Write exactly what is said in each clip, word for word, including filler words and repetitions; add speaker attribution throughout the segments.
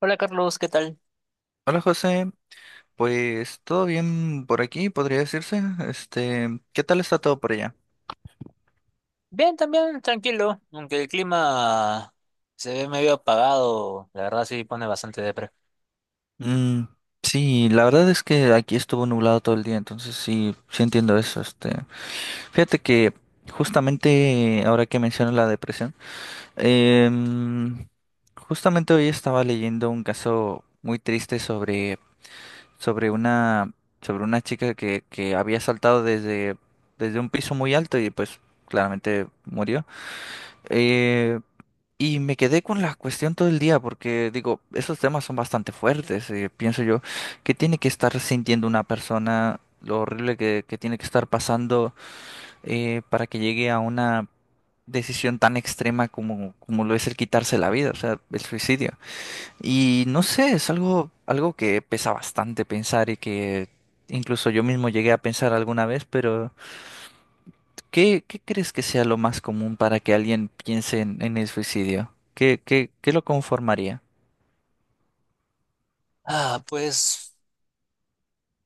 Speaker 1: Hola Carlos, ¿qué tal?
Speaker 2: Hola José, pues todo bien por aquí, podría decirse. Este, ¿qué tal está todo por allá?
Speaker 1: Bien, también tranquilo, aunque el clima se ve medio apagado, la verdad sí pone bastante depre.
Speaker 2: Mm, sí, la verdad es que aquí estuvo nublado todo el día, entonces sí, sí entiendo eso. Este, fíjate que justamente ahora que mencionas la depresión, em, justamente hoy estaba leyendo un caso muy triste sobre sobre una sobre una chica que que había saltado desde desde un piso muy alto y pues claramente murió. Eh, Y me quedé con la cuestión todo el día porque digo, esos temas son bastante fuertes. eh, pienso yo, ¿que tiene que estar sintiendo una persona? Lo horrible que, que tiene que estar pasando, eh, para que llegue a una decisión tan extrema como, como, lo es el quitarse la vida, o sea, el suicidio. Y no sé, es algo, algo que pesa bastante pensar y que incluso yo mismo llegué a pensar alguna vez, pero ¿qué, qué crees que sea lo más común para que alguien piense en, en el suicidio? ¿Qué, qué, qué lo conformaría?
Speaker 1: Ah, pues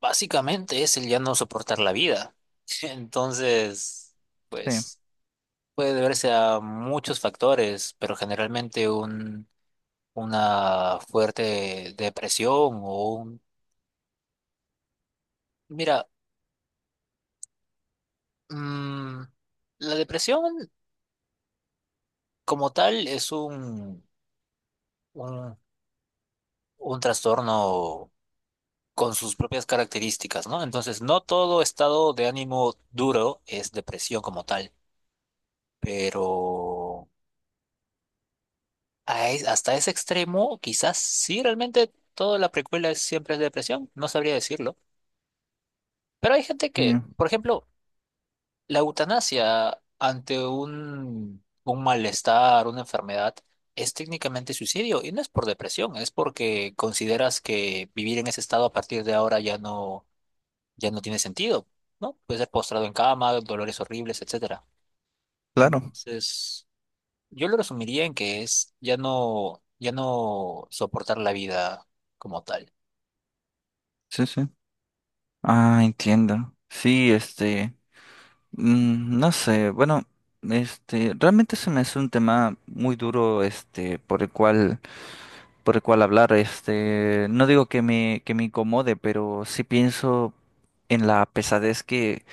Speaker 1: básicamente es el ya no soportar la vida. Entonces,
Speaker 2: Sí,
Speaker 1: pues puede deberse a muchos factores, pero generalmente un, una fuerte depresión o un... Mira, mm, la depresión como tal es un, un, un trastorno con sus propias características, ¿no? Entonces, no todo estado de ánimo duro es depresión como tal, pero a es- hasta ese extremo, quizás sí, realmente toda la precuela es- siempre es depresión, no sabría decirlo. Pero hay gente
Speaker 2: sí,
Speaker 1: que, por ejemplo, la eutanasia ante un, un malestar, una enfermedad, es técnicamente suicidio y no es por depresión, es porque consideras que vivir en ese estado a partir de ahora ya no ya no tiene sentido, ¿no? Puede ser postrado en cama, dolores horribles, etcétera.
Speaker 2: claro,
Speaker 1: Entonces, yo lo resumiría en que es ya no, ya no soportar la vida como tal.
Speaker 2: sí, sí. Ah, entiendo. Sí, este, mm, no sé, bueno, este, realmente se me hace un tema muy duro, este, por el cual, por el cual, hablar, este, no digo que me, que me incomode, pero sí pienso en la pesadez que,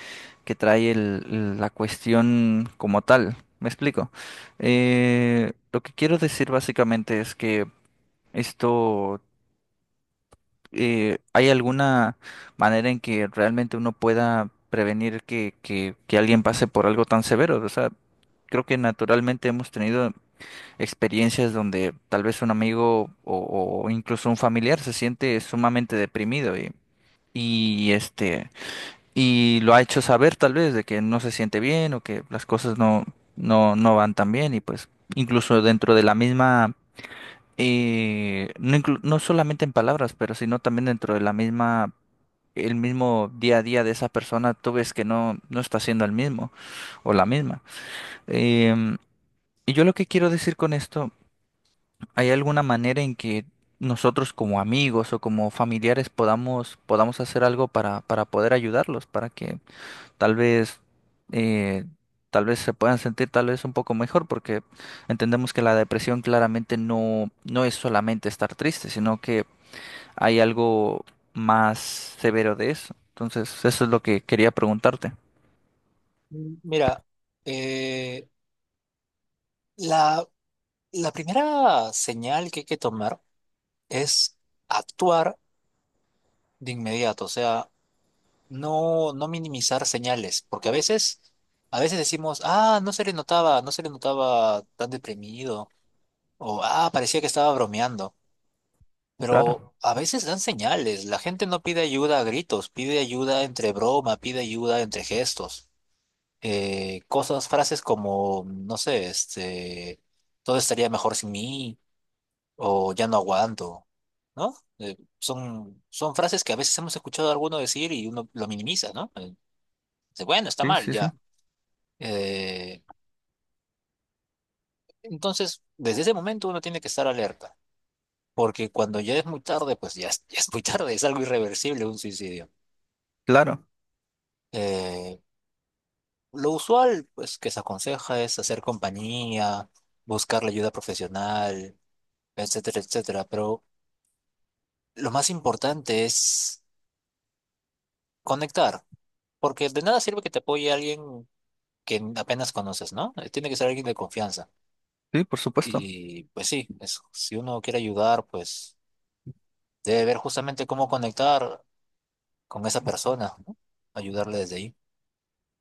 Speaker 2: que trae el- la cuestión como tal. ¿Me explico? Eh, lo que quiero decir básicamente es que esto. Eh, ¿hay alguna manera en que realmente uno pueda prevenir que, que, que alguien pase por algo tan severo? O sea, creo que naturalmente hemos tenido experiencias donde tal vez un amigo o, o incluso un familiar se siente sumamente deprimido y, y este y lo ha hecho saber tal vez de que no se siente bien o que las cosas no, no, no van tan bien y pues incluso dentro de la misma, eh, no, inclu- no solamente en palabras, pero sino también dentro de la misma el mismo día a día de esa persona, tú ves que no, no está siendo el mismo o la misma. Em, y yo lo que quiero decir con esto, ¿hay alguna manera en que nosotros como amigos o como familiares podamos, podamos hacer algo para, para poder ayudarlos, para que tal vez, eh, tal vez se puedan sentir tal vez un poco mejor? Porque entendemos que la depresión claramente no, no es solamente estar triste, sino que hay algo más severo de eso. Entonces, eso es lo que quería preguntarte.
Speaker 1: M- Mira, eh, la, la primera señal que hay que tomar es actuar de inmediato, o sea, no, no minimizar señales, porque a veces, a veces decimos, ah, no se le notaba, no se le notaba tan deprimido, o ah, parecía que estaba bromeando. Pero
Speaker 2: Claro,
Speaker 1: a veces dan señales. La gente no pide ayuda a gritos, pide ayuda entre broma, pide ayuda entre gestos. Eh, cosas, frases como, no sé, este, todo estaría mejor sin mí o ya no aguanto, ¿no? Eh, son, son frases que a veces hemos escuchado a alguno decir y uno lo minimiza, ¿no? Eh, dice, bueno, está
Speaker 2: sí,
Speaker 1: mal,
Speaker 2: sí, sí.
Speaker 1: ya. Eh, entonces, desde ese momento uno tiene que estar alerta, porque cuando ya es muy tarde, pues ya, es- ya es muy tarde, es algo irreversible un suicidio.
Speaker 2: Claro,
Speaker 1: Eh, Lo usual, pues, que se aconseja es hacer compañía, buscar la ayuda profesional, etcétera, etcétera. Pero lo más importante es conectar, porque de nada sirve que te apoye alguien que apenas conoces, ¿no? Eh, tiene que ser alguien de confianza.
Speaker 2: sí, por supuesto.
Speaker 1: Y pues sí, es- si uno quiere ayudar, pues debe ver justamente cómo conectar con esa persona, ¿no? Ayudarle desde ahí.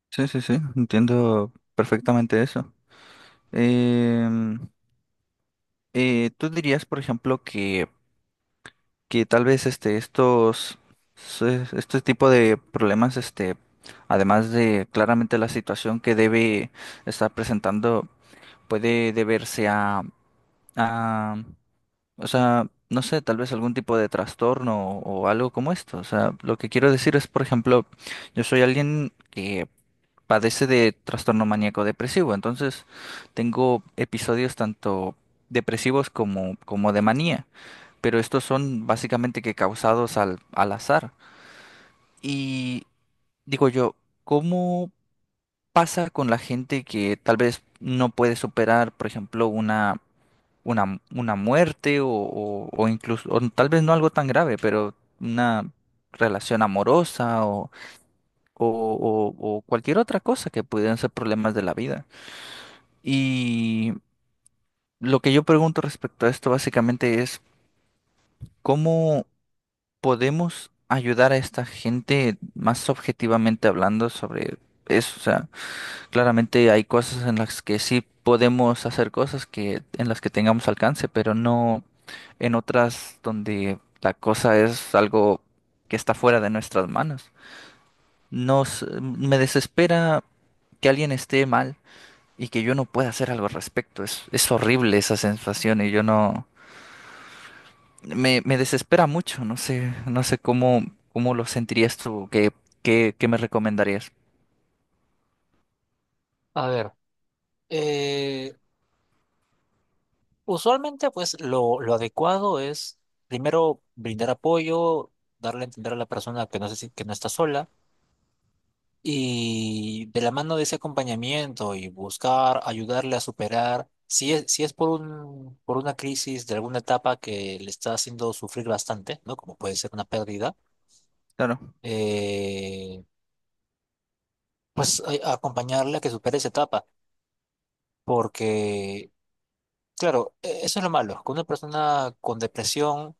Speaker 2: Sí, sí, sí, entiendo perfectamente eso. Em, eh, ¿tú dirías, por ejemplo, que, que tal vez este, estos, se- este tipo de problemas, este, además de claramente la situación que debe estar presentando, puede deberse a, a, o sea, no sé, tal vez algún tipo de trastorno o, o algo como esto. O sea, lo que quiero decir es, por ejemplo, yo soy alguien que padece de trastorno maníaco depresivo, entonces tengo episodios tanto depresivos como, como de manía, pero estos son básicamente que causados al, al azar. Y digo yo, ¿cómo pasa con la gente que tal vez no puede superar, por ejemplo, una una, una muerte o, o, o incluso, o tal vez no algo tan grave, pero una relación amorosa o, o, o- o cualquier otra cosa que pudieran ser problemas de la vida? Y lo que yo pregunto respecto a esto básicamente es, ¿cómo podemos ayudar a esta gente más objetivamente hablando sobre eso? O sea, claramente hay cosas en las que sí podemos hacer cosas que en las que tengamos alcance, pero no en otras donde la cosa es algo que está fuera de nuestras manos. Nos me desespera que alguien esté mal y que yo no pueda hacer algo al respecto. Es, es horrible esa sensación y yo no me, me desespera mucho. No sé, no sé cómo, cómo lo sentirías tú, qué, qué, qué me recomendarías.
Speaker 1: A ver, usualmente, pues lo, lo adecuado es primero brindar apoyo, darle a entender a la persona que no, se, si- que no está sola, y de la mano de ese acompañamiento y buscar ayudarle a superar, si es, si es por un, por una crisis de alguna etapa que le está haciendo sufrir bastante, ¿no? Como puede ser una pérdida,
Speaker 2: Claro,
Speaker 1: eh, pues a- acompañarle a que supere esa etapa, porque, claro, e- eso es lo malo, con una persona con depresión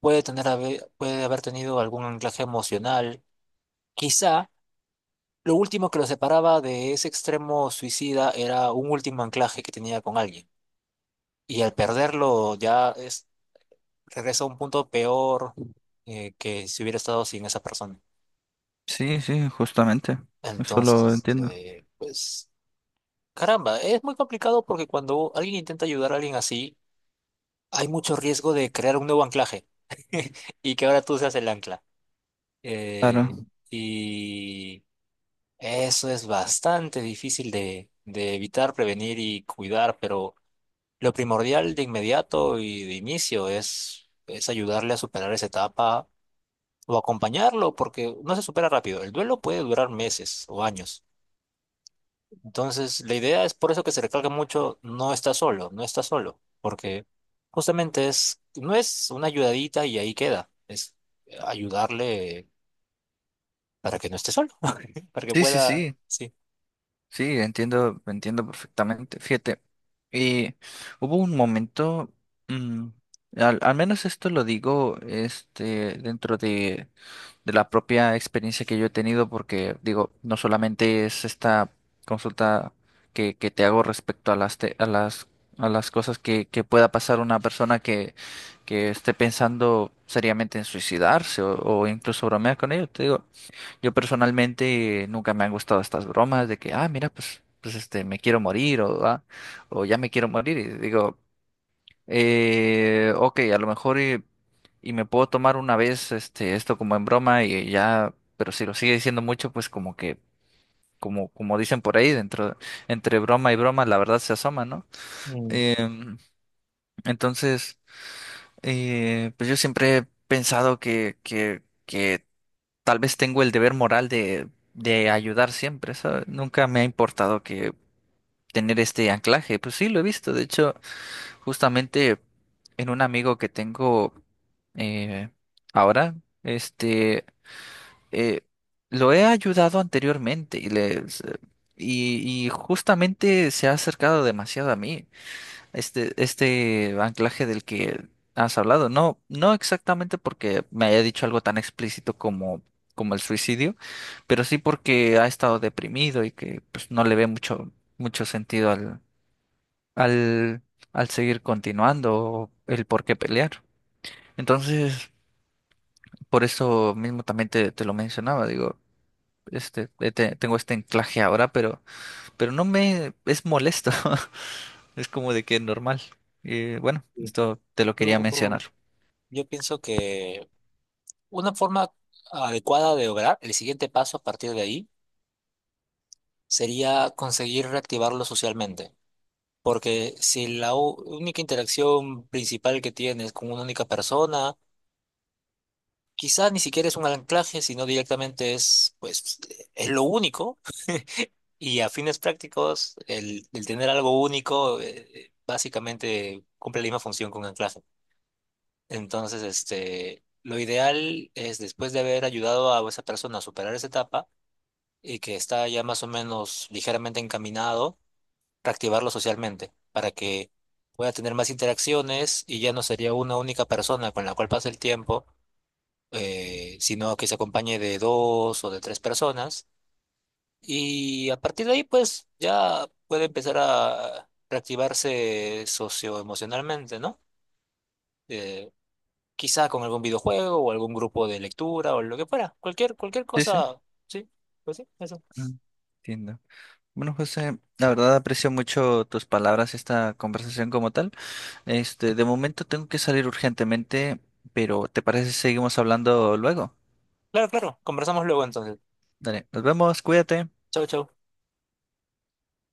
Speaker 1: puede tener, habe- puede haber tenido algún anclaje emocional. Quizá lo último que lo separaba de ese extremo suicida era un último anclaje que tenía con alguien. Y al perderlo ya es, regresa a un punto peor, eh, que si hubiera estado sin esa persona.
Speaker 2: sí, sí, justamente. Eso lo
Speaker 1: Entonces,
Speaker 2: entiendo.
Speaker 1: eh, pues, caramba, es muy complicado porque cuando alguien intenta ayudar a alguien así, hay mucho riesgo de crear un nuevo anclaje y que ahora tú seas el ancla. Eh,
Speaker 2: Claro.
Speaker 1: y Eso es bastante difícil de, de evitar, prevenir y cuidar, pero lo primordial de inmediato y de inicio es, es ayudarle a superar esa etapa o acompañarlo, porque no se supera rápido. El duelo puede durar meses o años. Entonces, la idea es por eso que se recalca mucho, no está solo, no está solo, porque justamente es, no es una ayudadita y ahí queda, es ayudarle para que no esté solo, para que
Speaker 2: Sí, sí,
Speaker 1: pueda,
Speaker 2: sí,
Speaker 1: sí.
Speaker 2: sí, entiendo, entiendo perfectamente. Fíjate, y hubo un momento, mm, al, al menos esto lo digo, este, dentro de, de la propia experiencia que yo he tenido, porque digo, no solamente es esta consulta que, que te hago respecto a las, te- a las, a las cosas que, que pueda pasar una persona que, que esté pensando seriamente en suicidarse o, o incluso bromear con ello, te digo. Yo personalmente nunca me han gustado estas bromas de que, ah, mira, pues, pues este, me quiero morir o, "Ah, o ya me quiero morir". Y digo, eh, ok, a lo mejor y, y, me puedo tomar una vez este, esto como en broma y ya, pero si lo sigue diciendo mucho, pues como que, como, como dicen por ahí, dentro, entre broma y broma, la verdad se asoma, ¿no?
Speaker 1: Mm,
Speaker 2: Em, entonces, eh, pues yo siempre he pensado que, que, que tal vez tengo el deber moral de, de ayudar siempre, ¿sabes? Nunca me ha importado que tener este anclaje. Pues sí, lo he visto. De hecho, justamente en un amigo que tengo, eh, ahora, este, eh, lo he ayudado anteriormente y, les- eh, y, y justamente se ha acercado demasiado a mí. Este, este anclaje del que has hablado, no, no exactamente porque me haya dicho algo tan explícito como, como, el suicidio, pero sí porque ha estado deprimido y que pues no le ve mucho, mucho sentido al, al, al seguir continuando o el por qué pelear. Entonces, por eso mismo también te, te lo mencionaba, digo, este, eh, te- tengo este anclaje ahora, pero, pero no me es molesto, es como de que normal. Y bueno,
Speaker 1: sí.
Speaker 2: esto te lo
Speaker 1: No,
Speaker 2: quería mencionar.
Speaker 1: yo pienso que una forma adecuada de lograr el siguiente paso a partir de ahí sería conseguir reactivarlo socialmente. Porque si la u- única interacción principal que tienes es con una única persona, quizás ni siquiera es un anclaje, sino directamente es, pues, es lo único. Y a fines prácticos, el, el tener algo único, eh, eh, básicamente cumple la misma función que un anclaje. Entonces, este, lo ideal es después de haber ayudado a esa persona a superar esa etapa, y que está ya más o menos ligeramente encaminado, reactivarlo socialmente para que pueda tener más interacciones y ya no sería una única persona con la cual pasa el tiempo, eh, sino que se acompañe de dos o de tres personas. Y a partir de ahí, pues ya puede empezar a reactivarse socioemocionalmente, ¿no? Eh, quizá con algún videojuego o algún grupo de lectura o lo que fuera, cualquier, cualquier
Speaker 2: Sí, sí.
Speaker 1: cosa, sí, pues sí, eso.
Speaker 2: Ah, entiendo. Bueno, José, la verdad aprecio mucho tus palabras, esta conversación como tal. Este, de momento tengo que salir urgentemente, pero ¿te parece si seguimos hablando luego?
Speaker 1: Claro, claro, conversamos luego entonces.
Speaker 2: Dale, nos vemos, cuídate.
Speaker 1: Chau, chau.